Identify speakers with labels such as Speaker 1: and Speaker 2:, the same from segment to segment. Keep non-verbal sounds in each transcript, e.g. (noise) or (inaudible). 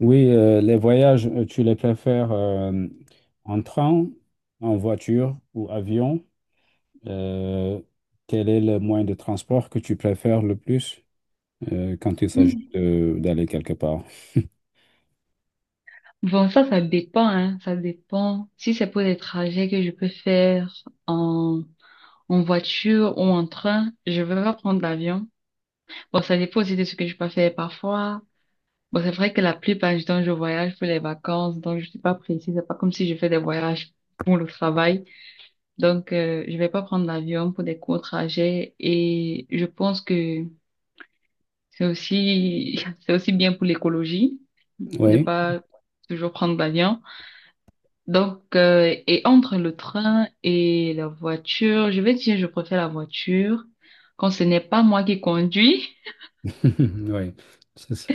Speaker 1: Oui, les voyages, tu les préfères en train, en voiture ou avion? Euh, Quel est le moyen de transport que tu préfères le plus quand il s'agit
Speaker 2: Mm.
Speaker 1: d'aller quelque part?
Speaker 2: Bon, ça dépend, hein, ça dépend. Si c'est pour des trajets que je peux faire en, en voiture ou en train, je vais pas prendre l'avion. Bon, ça dépend aussi de ce que je peux faire parfois. Bon, c'est vrai que la plupart du temps, je voyage pour les vacances, donc je suis pas précise. C'est pas comme si je fais des voyages pour le travail. Donc, je vais pas prendre l'avion pour des courts trajets et je pense que c'est aussi, (laughs) c'est aussi bien pour l'écologie de
Speaker 1: Oui,
Speaker 2: pas toujours prendre l'avion. Donc, et entre le train et la voiture, je vais dire, je préfère la voiture quand ce n'est pas moi qui conduis. (laughs)
Speaker 1: (laughs) oui. C'est ça.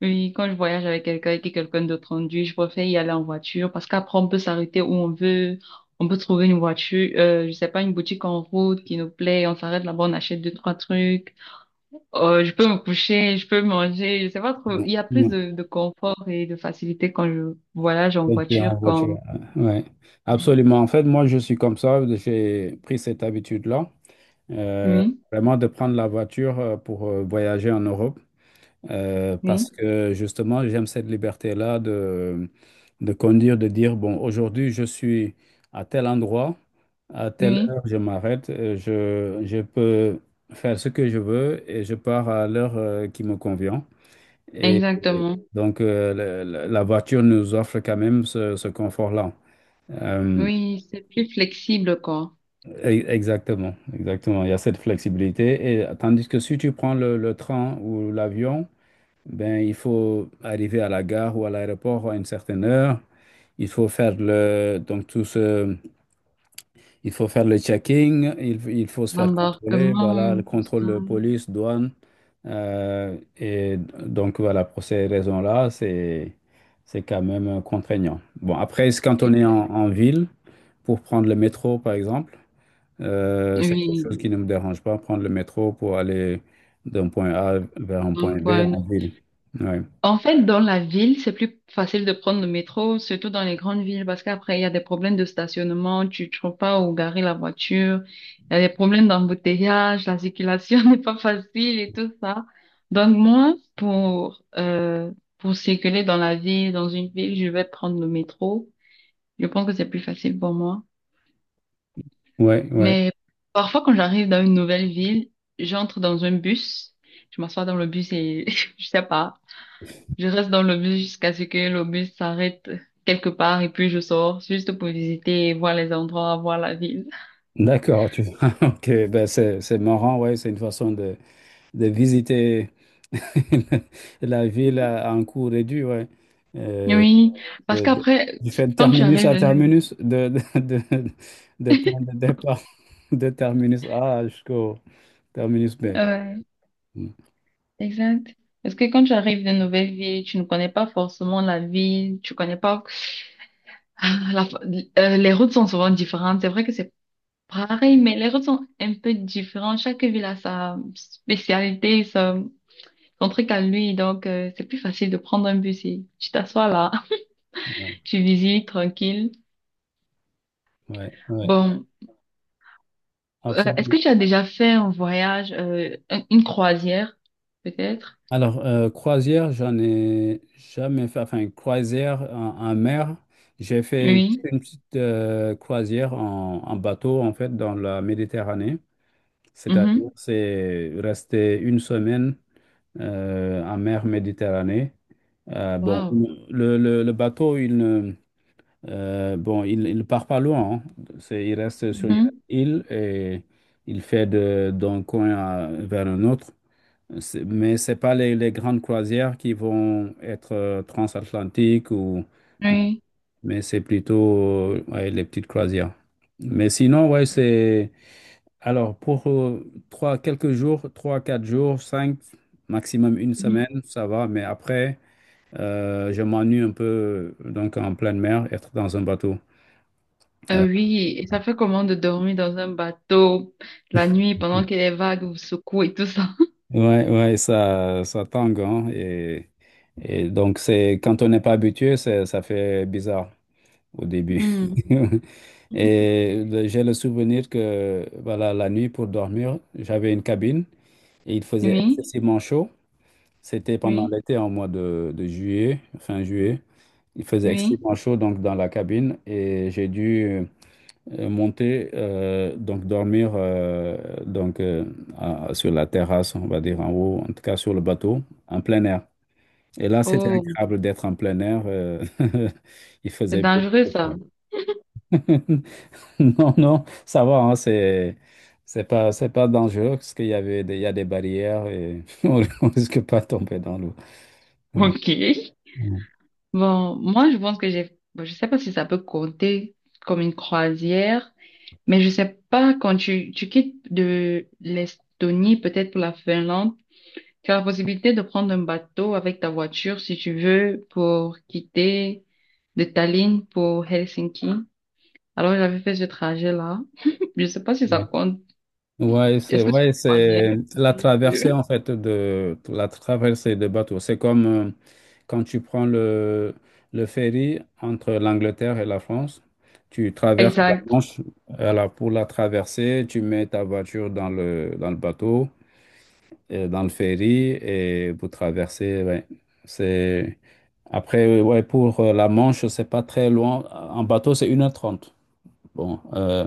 Speaker 2: Oui, quand je voyage avec quelqu'un et que quelqu'un d'autre conduit, je préfère y aller en voiture parce qu'après, on peut s'arrêter où on veut. On peut trouver une voiture, je sais pas, une boutique en route qui nous plaît. On s'arrête là-bas, on achète deux, trois trucs. Je peux me coucher, je peux manger. Je sais pas trop.
Speaker 1: Non,
Speaker 2: Il y a plus
Speaker 1: non,
Speaker 2: de confort et de facilité quand je voyage en
Speaker 1: en
Speaker 2: voiture qu'en...
Speaker 1: voiture, ouais.
Speaker 2: Oui,
Speaker 1: Absolument. En fait, moi, je suis comme ça. J'ai pris cette habitude-là, euh,
Speaker 2: oui,
Speaker 1: vraiment de prendre la voiture pour voyager en Europe. Parce
Speaker 2: oui,
Speaker 1: que justement, j'aime cette liberté-là de conduire, de dire, bon, aujourd'hui, je suis à tel endroit, à telle
Speaker 2: oui,
Speaker 1: heure, je m'arrête, je peux faire ce que je veux et je pars à l'heure qui me convient. Et
Speaker 2: exactement.
Speaker 1: donc, la voiture nous offre quand même ce confort-là. Euh,
Speaker 2: Oui, c'est plus flexible, quoi.
Speaker 1: Exactement. Il y a cette flexibilité. Et tandis que si tu prends le train ou l'avion, ben, il faut arriver à la gare ou à l'aéroport à une certaine heure. Il faut faire le, donc tout ce, il faut faire le checking. Il faut se faire contrôler. Voilà,
Speaker 2: L'embarquement,
Speaker 1: le
Speaker 2: tout
Speaker 1: contrôle
Speaker 2: ça.
Speaker 1: de police, douane. Et donc voilà, pour ces raisons-là, c'est quand même contraignant. Bon, après, c'est quand on est en,
Speaker 2: Exact.
Speaker 1: en ville, pour prendre le métro, par exemple, c'est quelque chose
Speaker 2: Oui.
Speaker 1: qui ne me dérange pas, prendre le métro pour aller d'un point A vers un point
Speaker 2: Donc,
Speaker 1: B
Speaker 2: point.
Speaker 1: en ville. Ouais.
Speaker 2: En fait, dans la ville, c'est plus facile de prendre le métro, surtout dans les grandes villes, parce qu'après, il y a des problèmes de stationnement, tu ne trouves pas où garer la voiture, il y a des problèmes d'embouteillage, la circulation (laughs) n'est pas facile et tout ça. Donc, moi, pour circuler dans la ville, dans une ville, je vais prendre le métro. Je pense que c'est plus facile pour moi.
Speaker 1: Oui, oui.
Speaker 2: Mais parfois, quand j'arrive dans une nouvelle ville, j'entre dans un bus, je m'assois dans le bus et (laughs) je sais pas, je reste dans le bus jusqu'à ce que le bus s'arrête quelque part et puis je sors juste pour visiter, et voir les endroits, voir la ville.
Speaker 1: D'accord. (laughs) Ok, ben c'est marrant, ouais, c'est une façon de visiter (laughs) la ville à un coût réduit, ouais. Euh,
Speaker 2: Oui, parce
Speaker 1: de- de-
Speaker 2: qu'après,
Speaker 1: du fait de
Speaker 2: quand tu
Speaker 1: terminus
Speaker 2: arrives
Speaker 1: à
Speaker 2: dans
Speaker 1: terminus, de point de départ (laughs) de terminus A jusqu'au terminus B.
Speaker 2: ouais,
Speaker 1: Mm.
Speaker 2: exact. Parce que quand tu arrives dans une nouvelle ville, tu ne connais pas forcément la ville, tu connais pas (laughs) Ah, la- les routes sont souvent différentes. C'est vrai que c'est pareil, mais les routes sont un peu différentes. Chaque ville a sa spécialité, son, son truc à lui. Donc, c'est plus facile de prendre un bus et tu t'assois là,
Speaker 1: Ouais,
Speaker 2: (laughs) tu visites tranquille.
Speaker 1: ouais, ouais,
Speaker 2: Bon, est-ce que
Speaker 1: absolument.
Speaker 2: tu as déjà fait un voyage, une croisière, peut-être?
Speaker 1: Alors, croisière, j'en ai jamais fait. Enfin, croisière en mer, j'ai fait juste
Speaker 2: Oui.
Speaker 1: une petite croisière en bateau, en fait, dans la Méditerranée. C'est-à-dire,
Speaker 2: Mhm.
Speaker 1: c'est rester une semaine en mer Méditerranée. Bon,
Speaker 2: Wow.
Speaker 1: le bateau, il ne bon, il part pas loin, hein. Il reste sur une
Speaker 2: Mhm.
Speaker 1: île et il fait d'un coin vers un autre. Mais ce n'est pas les grandes croisières qui vont être transatlantiques ou
Speaker 2: Oui.
Speaker 1: mais c'est plutôt ouais, les petites croisières. Mais sinon, ouais, c'est alors pour trois, quelques jours, trois, quatre jours, cinq, maximum une
Speaker 2: Mhm.
Speaker 1: semaine, ça va. Mais après, je m'ennuie un peu donc en pleine mer, être dans un bateau. Euh,
Speaker 2: Oui, et ça fait comment de dormir dans un bateau la nuit pendant que les vagues vous secouent et tout ça? (laughs)
Speaker 1: ouais, ouais, ça tangue, hein, et donc c'est quand on n'est pas habitué, ça fait bizarre au début.
Speaker 2: Hmm.
Speaker 1: (laughs) J'ai le souvenir que voilà, la nuit pour dormir, j'avais une cabine et il faisait
Speaker 2: Oui,
Speaker 1: excessivement chaud. C'était pendant
Speaker 2: oui,
Speaker 1: l'été, en mois de juillet, fin juillet. Il faisait
Speaker 2: oui.
Speaker 1: excessivement chaud donc dans la cabine et j'ai dû monter donc dormir donc sur la terrasse, on va dire en haut, en tout cas sur le bateau, en plein air. Et là, c'était
Speaker 2: Oh.
Speaker 1: agréable d'être en plein air. (laughs) Il
Speaker 2: C'est
Speaker 1: faisait beaucoup
Speaker 2: dangereux,
Speaker 1: de froid.
Speaker 2: ça.
Speaker 1: (laughs) (laughs) Non, non, ça va, hein, c'est pas dangereux parce qu'il y avait des, il y a des barrières et (laughs) on risque pas de tomber dans l'eau. Ouais,
Speaker 2: Ok. Bon, moi, je pense que j'ai, bon, je sais pas si ça peut compter comme une croisière, mais je sais pas quand tu quittes de l'Estonie, peut-être pour la Finlande, tu as la possibilité de prendre un bateau avec ta voiture, si tu veux, pour quitter de Tallinn pour Helsinki. Alors, j'avais fait ce trajet-là. (laughs) Je sais pas si ça
Speaker 1: ouais.
Speaker 2: compte.
Speaker 1: Ouais,
Speaker 2: Est-ce que c'est une croisière?
Speaker 1: c'est la traversée en fait la traversée de bateau. C'est comme quand tu prends le ferry entre l'Angleterre et la France, tu traverses la
Speaker 2: Exact.
Speaker 1: Manche. Alors pour la traverser, tu mets ta voiture dans le bateau. Dans le ferry et vous traversez. Ouais. C'est... Après, ouais, pour la Manche, c'est pas très loin. En bateau, c'est 1h30. Bon,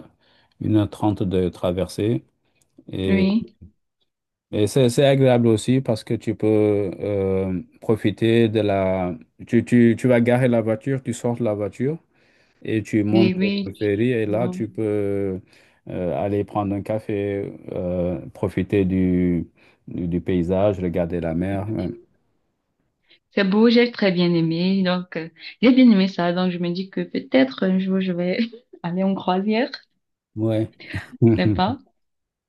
Speaker 1: 1h30 de traversée. Et,
Speaker 2: Oui.
Speaker 1: et c'est agréable aussi parce que tu peux profiter. Tu vas garer la voiture, tu sors de la voiture et tu montes
Speaker 2: Et
Speaker 1: dans
Speaker 2: oui.
Speaker 1: le ferry et là,
Speaker 2: Bon.
Speaker 1: tu peux aller prendre un café, profiter du paysage, regarder la mer. Ouais.
Speaker 2: C'est beau, j'ai très bien aimé. Donc, j'ai bien aimé ça. Donc, je me dis que peut-être un jour, je vais (laughs) aller en croisière.
Speaker 1: Ouais.
Speaker 2: Je sais
Speaker 1: (laughs)
Speaker 2: pas.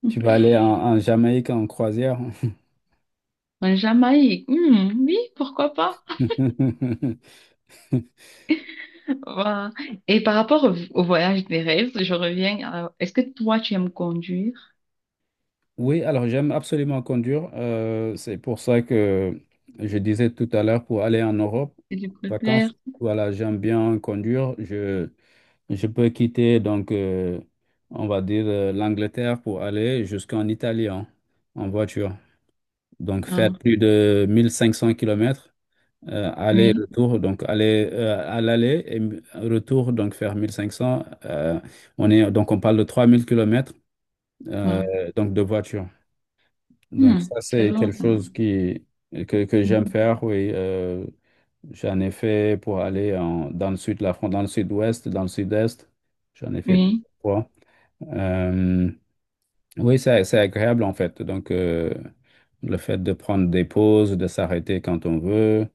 Speaker 1: Tu vas aller en Jamaïque en croisière.
Speaker 2: En Jamaïque. Hmm, oui, pourquoi pas?
Speaker 1: (laughs)
Speaker 2: Voilà. Et par rapport au, au voyage des rêves, je reviens à- Est-ce que toi, tu aimes conduire?
Speaker 1: Oui, alors j'aime absolument conduire. C'est pour ça que je disais tout à l'heure pour aller en Europe,
Speaker 2: Et tu préfères?
Speaker 1: vacances, voilà, j'aime bien conduire. Je peux quitter, donc, on va dire, l'Angleterre pour aller jusqu'en Italie, hein, en voiture. Donc, faire
Speaker 2: Ah,
Speaker 1: plus de 1500 kilomètres. Aller
Speaker 2: oui.
Speaker 1: retour, donc aller à l'aller et retour, donc faire 1500. On est, donc on parle de 3000 kilomètres
Speaker 2: Ah.
Speaker 1: euh, donc de voiture. Donc
Speaker 2: Hmm,
Speaker 1: ça,
Speaker 2: c'est
Speaker 1: c'est
Speaker 2: long,
Speaker 1: quelque
Speaker 2: ça.
Speaker 1: chose que j'aime
Speaker 2: Mhm.
Speaker 1: faire, oui. J'en ai fait pour aller dans le sud de la France, dans le sud-ouest, dans le sud-est. J'en ai fait
Speaker 2: Oui.
Speaker 1: plusieurs fois. Euh, oui, c'est agréable en fait. Donc le fait de prendre des pauses, de s'arrêter quand on veut.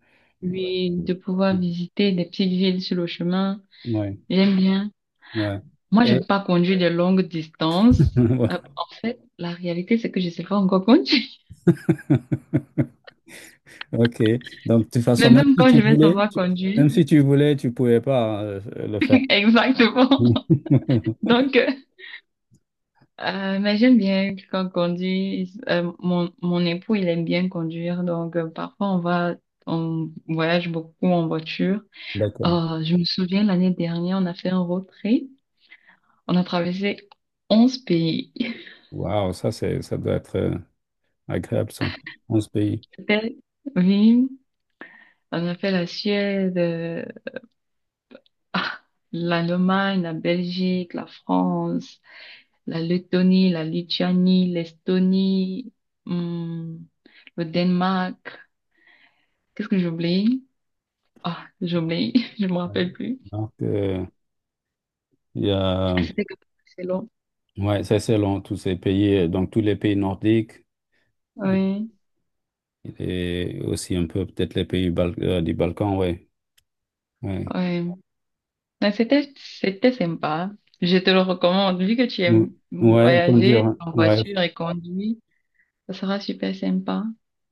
Speaker 2: Oui,
Speaker 1: Oui,
Speaker 2: de pouvoir visiter des petites villes sur le chemin.
Speaker 1: ouais.
Speaker 2: J'aime bien. Moi, j'aime
Speaker 1: Ouais.
Speaker 2: pas conduire des longues distances.
Speaker 1: (laughs)
Speaker 2: En fait, la réalité, c'est que je sais pas encore conduire.
Speaker 1: Ok. Donc, de toute
Speaker 2: (laughs) Mais
Speaker 1: façon, même
Speaker 2: même
Speaker 1: si
Speaker 2: quand je
Speaker 1: tu
Speaker 2: vais
Speaker 1: voulais,
Speaker 2: savoir conduire,
Speaker 1: même si tu voulais, tu pouvais pas le faire.
Speaker 2: (laughs) exactement.
Speaker 1: (laughs)
Speaker 2: Donc, mais j'aime bien quand conduire. Mon époux, il aime bien conduire. Donc, parfois, on voyage beaucoup en voiture.
Speaker 1: D'accord.
Speaker 2: Je me souviens, l'année dernière, on a fait un road trip. On a traversé 11 pays. (laughs)
Speaker 1: Waouh, ça doit être agréable, ça. 11 pays.
Speaker 2: C'était, oui, on a fait la Suède, Ah, l'Allemagne, la Belgique, la France, la Lettonie, la Lituanie, l'Estonie, hum, le Danemark. Qu'est-ce que j'oublie? Ah, j'oublie, (laughs) je me
Speaker 1: Ouais.
Speaker 2: rappelle plus.
Speaker 1: Donc, il y a,
Speaker 2: Ah, c'était que c'est long.
Speaker 1: ouais, ça c'est long, tous ces pays, donc tous les pays nordiques.
Speaker 2: Oui,
Speaker 1: Et aussi un peu peut-être les pays du Balkan, ouais. Ouais.
Speaker 2: oui. Mais c'était, c'était sympa. Je te le recommande. Vu que tu
Speaker 1: Mm,
Speaker 2: aimes
Speaker 1: ouais, conduire,
Speaker 2: voyager
Speaker 1: hein.
Speaker 2: en
Speaker 1: Ouais.
Speaker 2: voiture et conduire, ça sera super sympa.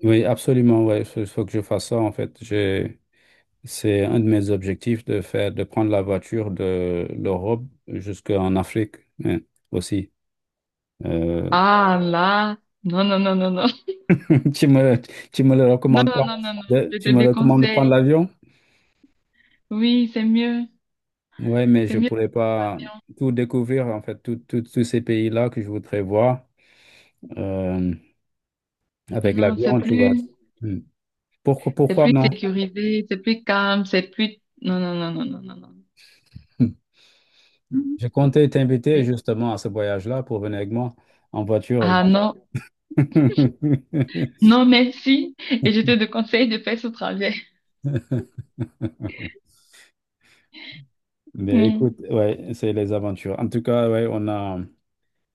Speaker 1: Oui, absolument, ouais. Il faut que je fasse ça, en fait. C'est un de mes objectifs de faire, de prendre la voiture de l'Europe jusqu'en Afrique, hein, aussi. Euh,
Speaker 2: Ah là, non, non, non, non, non, (laughs)
Speaker 1: (laughs) tu me, tu me le
Speaker 2: non,
Speaker 1: recommandes
Speaker 2: non,
Speaker 1: pas?
Speaker 2: non, non, non, je te
Speaker 1: Tu me recommandes de prendre
Speaker 2: déconseille.
Speaker 1: l'avion?
Speaker 2: Oui, c'est mieux.
Speaker 1: Oui, mais
Speaker 2: C'est
Speaker 1: je
Speaker 2: mieux.
Speaker 1: pourrais pas tout découvrir, en fait, tous ces pays-là que je voudrais voir euh, avec
Speaker 2: Non,
Speaker 1: l'avion, tu vois. Hmm. Pourquoi,
Speaker 2: c'est
Speaker 1: pourquoi
Speaker 2: plus
Speaker 1: non? (laughs)
Speaker 2: sécurisé, c'est plus calme, c'est plus. Non, non, non, non, non, non, non.
Speaker 1: Hmm.
Speaker 2: Mhm.
Speaker 1: Je comptais t'inviter
Speaker 2: C'est-
Speaker 1: justement à ce voyage-là pour venir avec moi en voiture.
Speaker 2: Ah non,
Speaker 1: (laughs)
Speaker 2: non, merci. Et je te conseille de faire ce trajet.
Speaker 1: Mais
Speaker 2: Mm.
Speaker 1: écoute, ouais, c'est les aventures. En tout cas, ouais, on a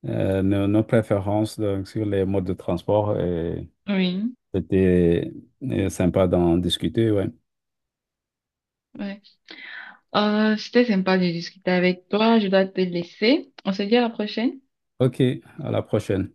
Speaker 1: nos préférences donc, sur les modes de transport et
Speaker 2: Oui.
Speaker 1: c'était sympa d'en discuter, ouais.
Speaker 2: Ouais. C'était sympa de discuter avec toi. Je dois te laisser. On se dit à la prochaine.
Speaker 1: OK, à la prochaine.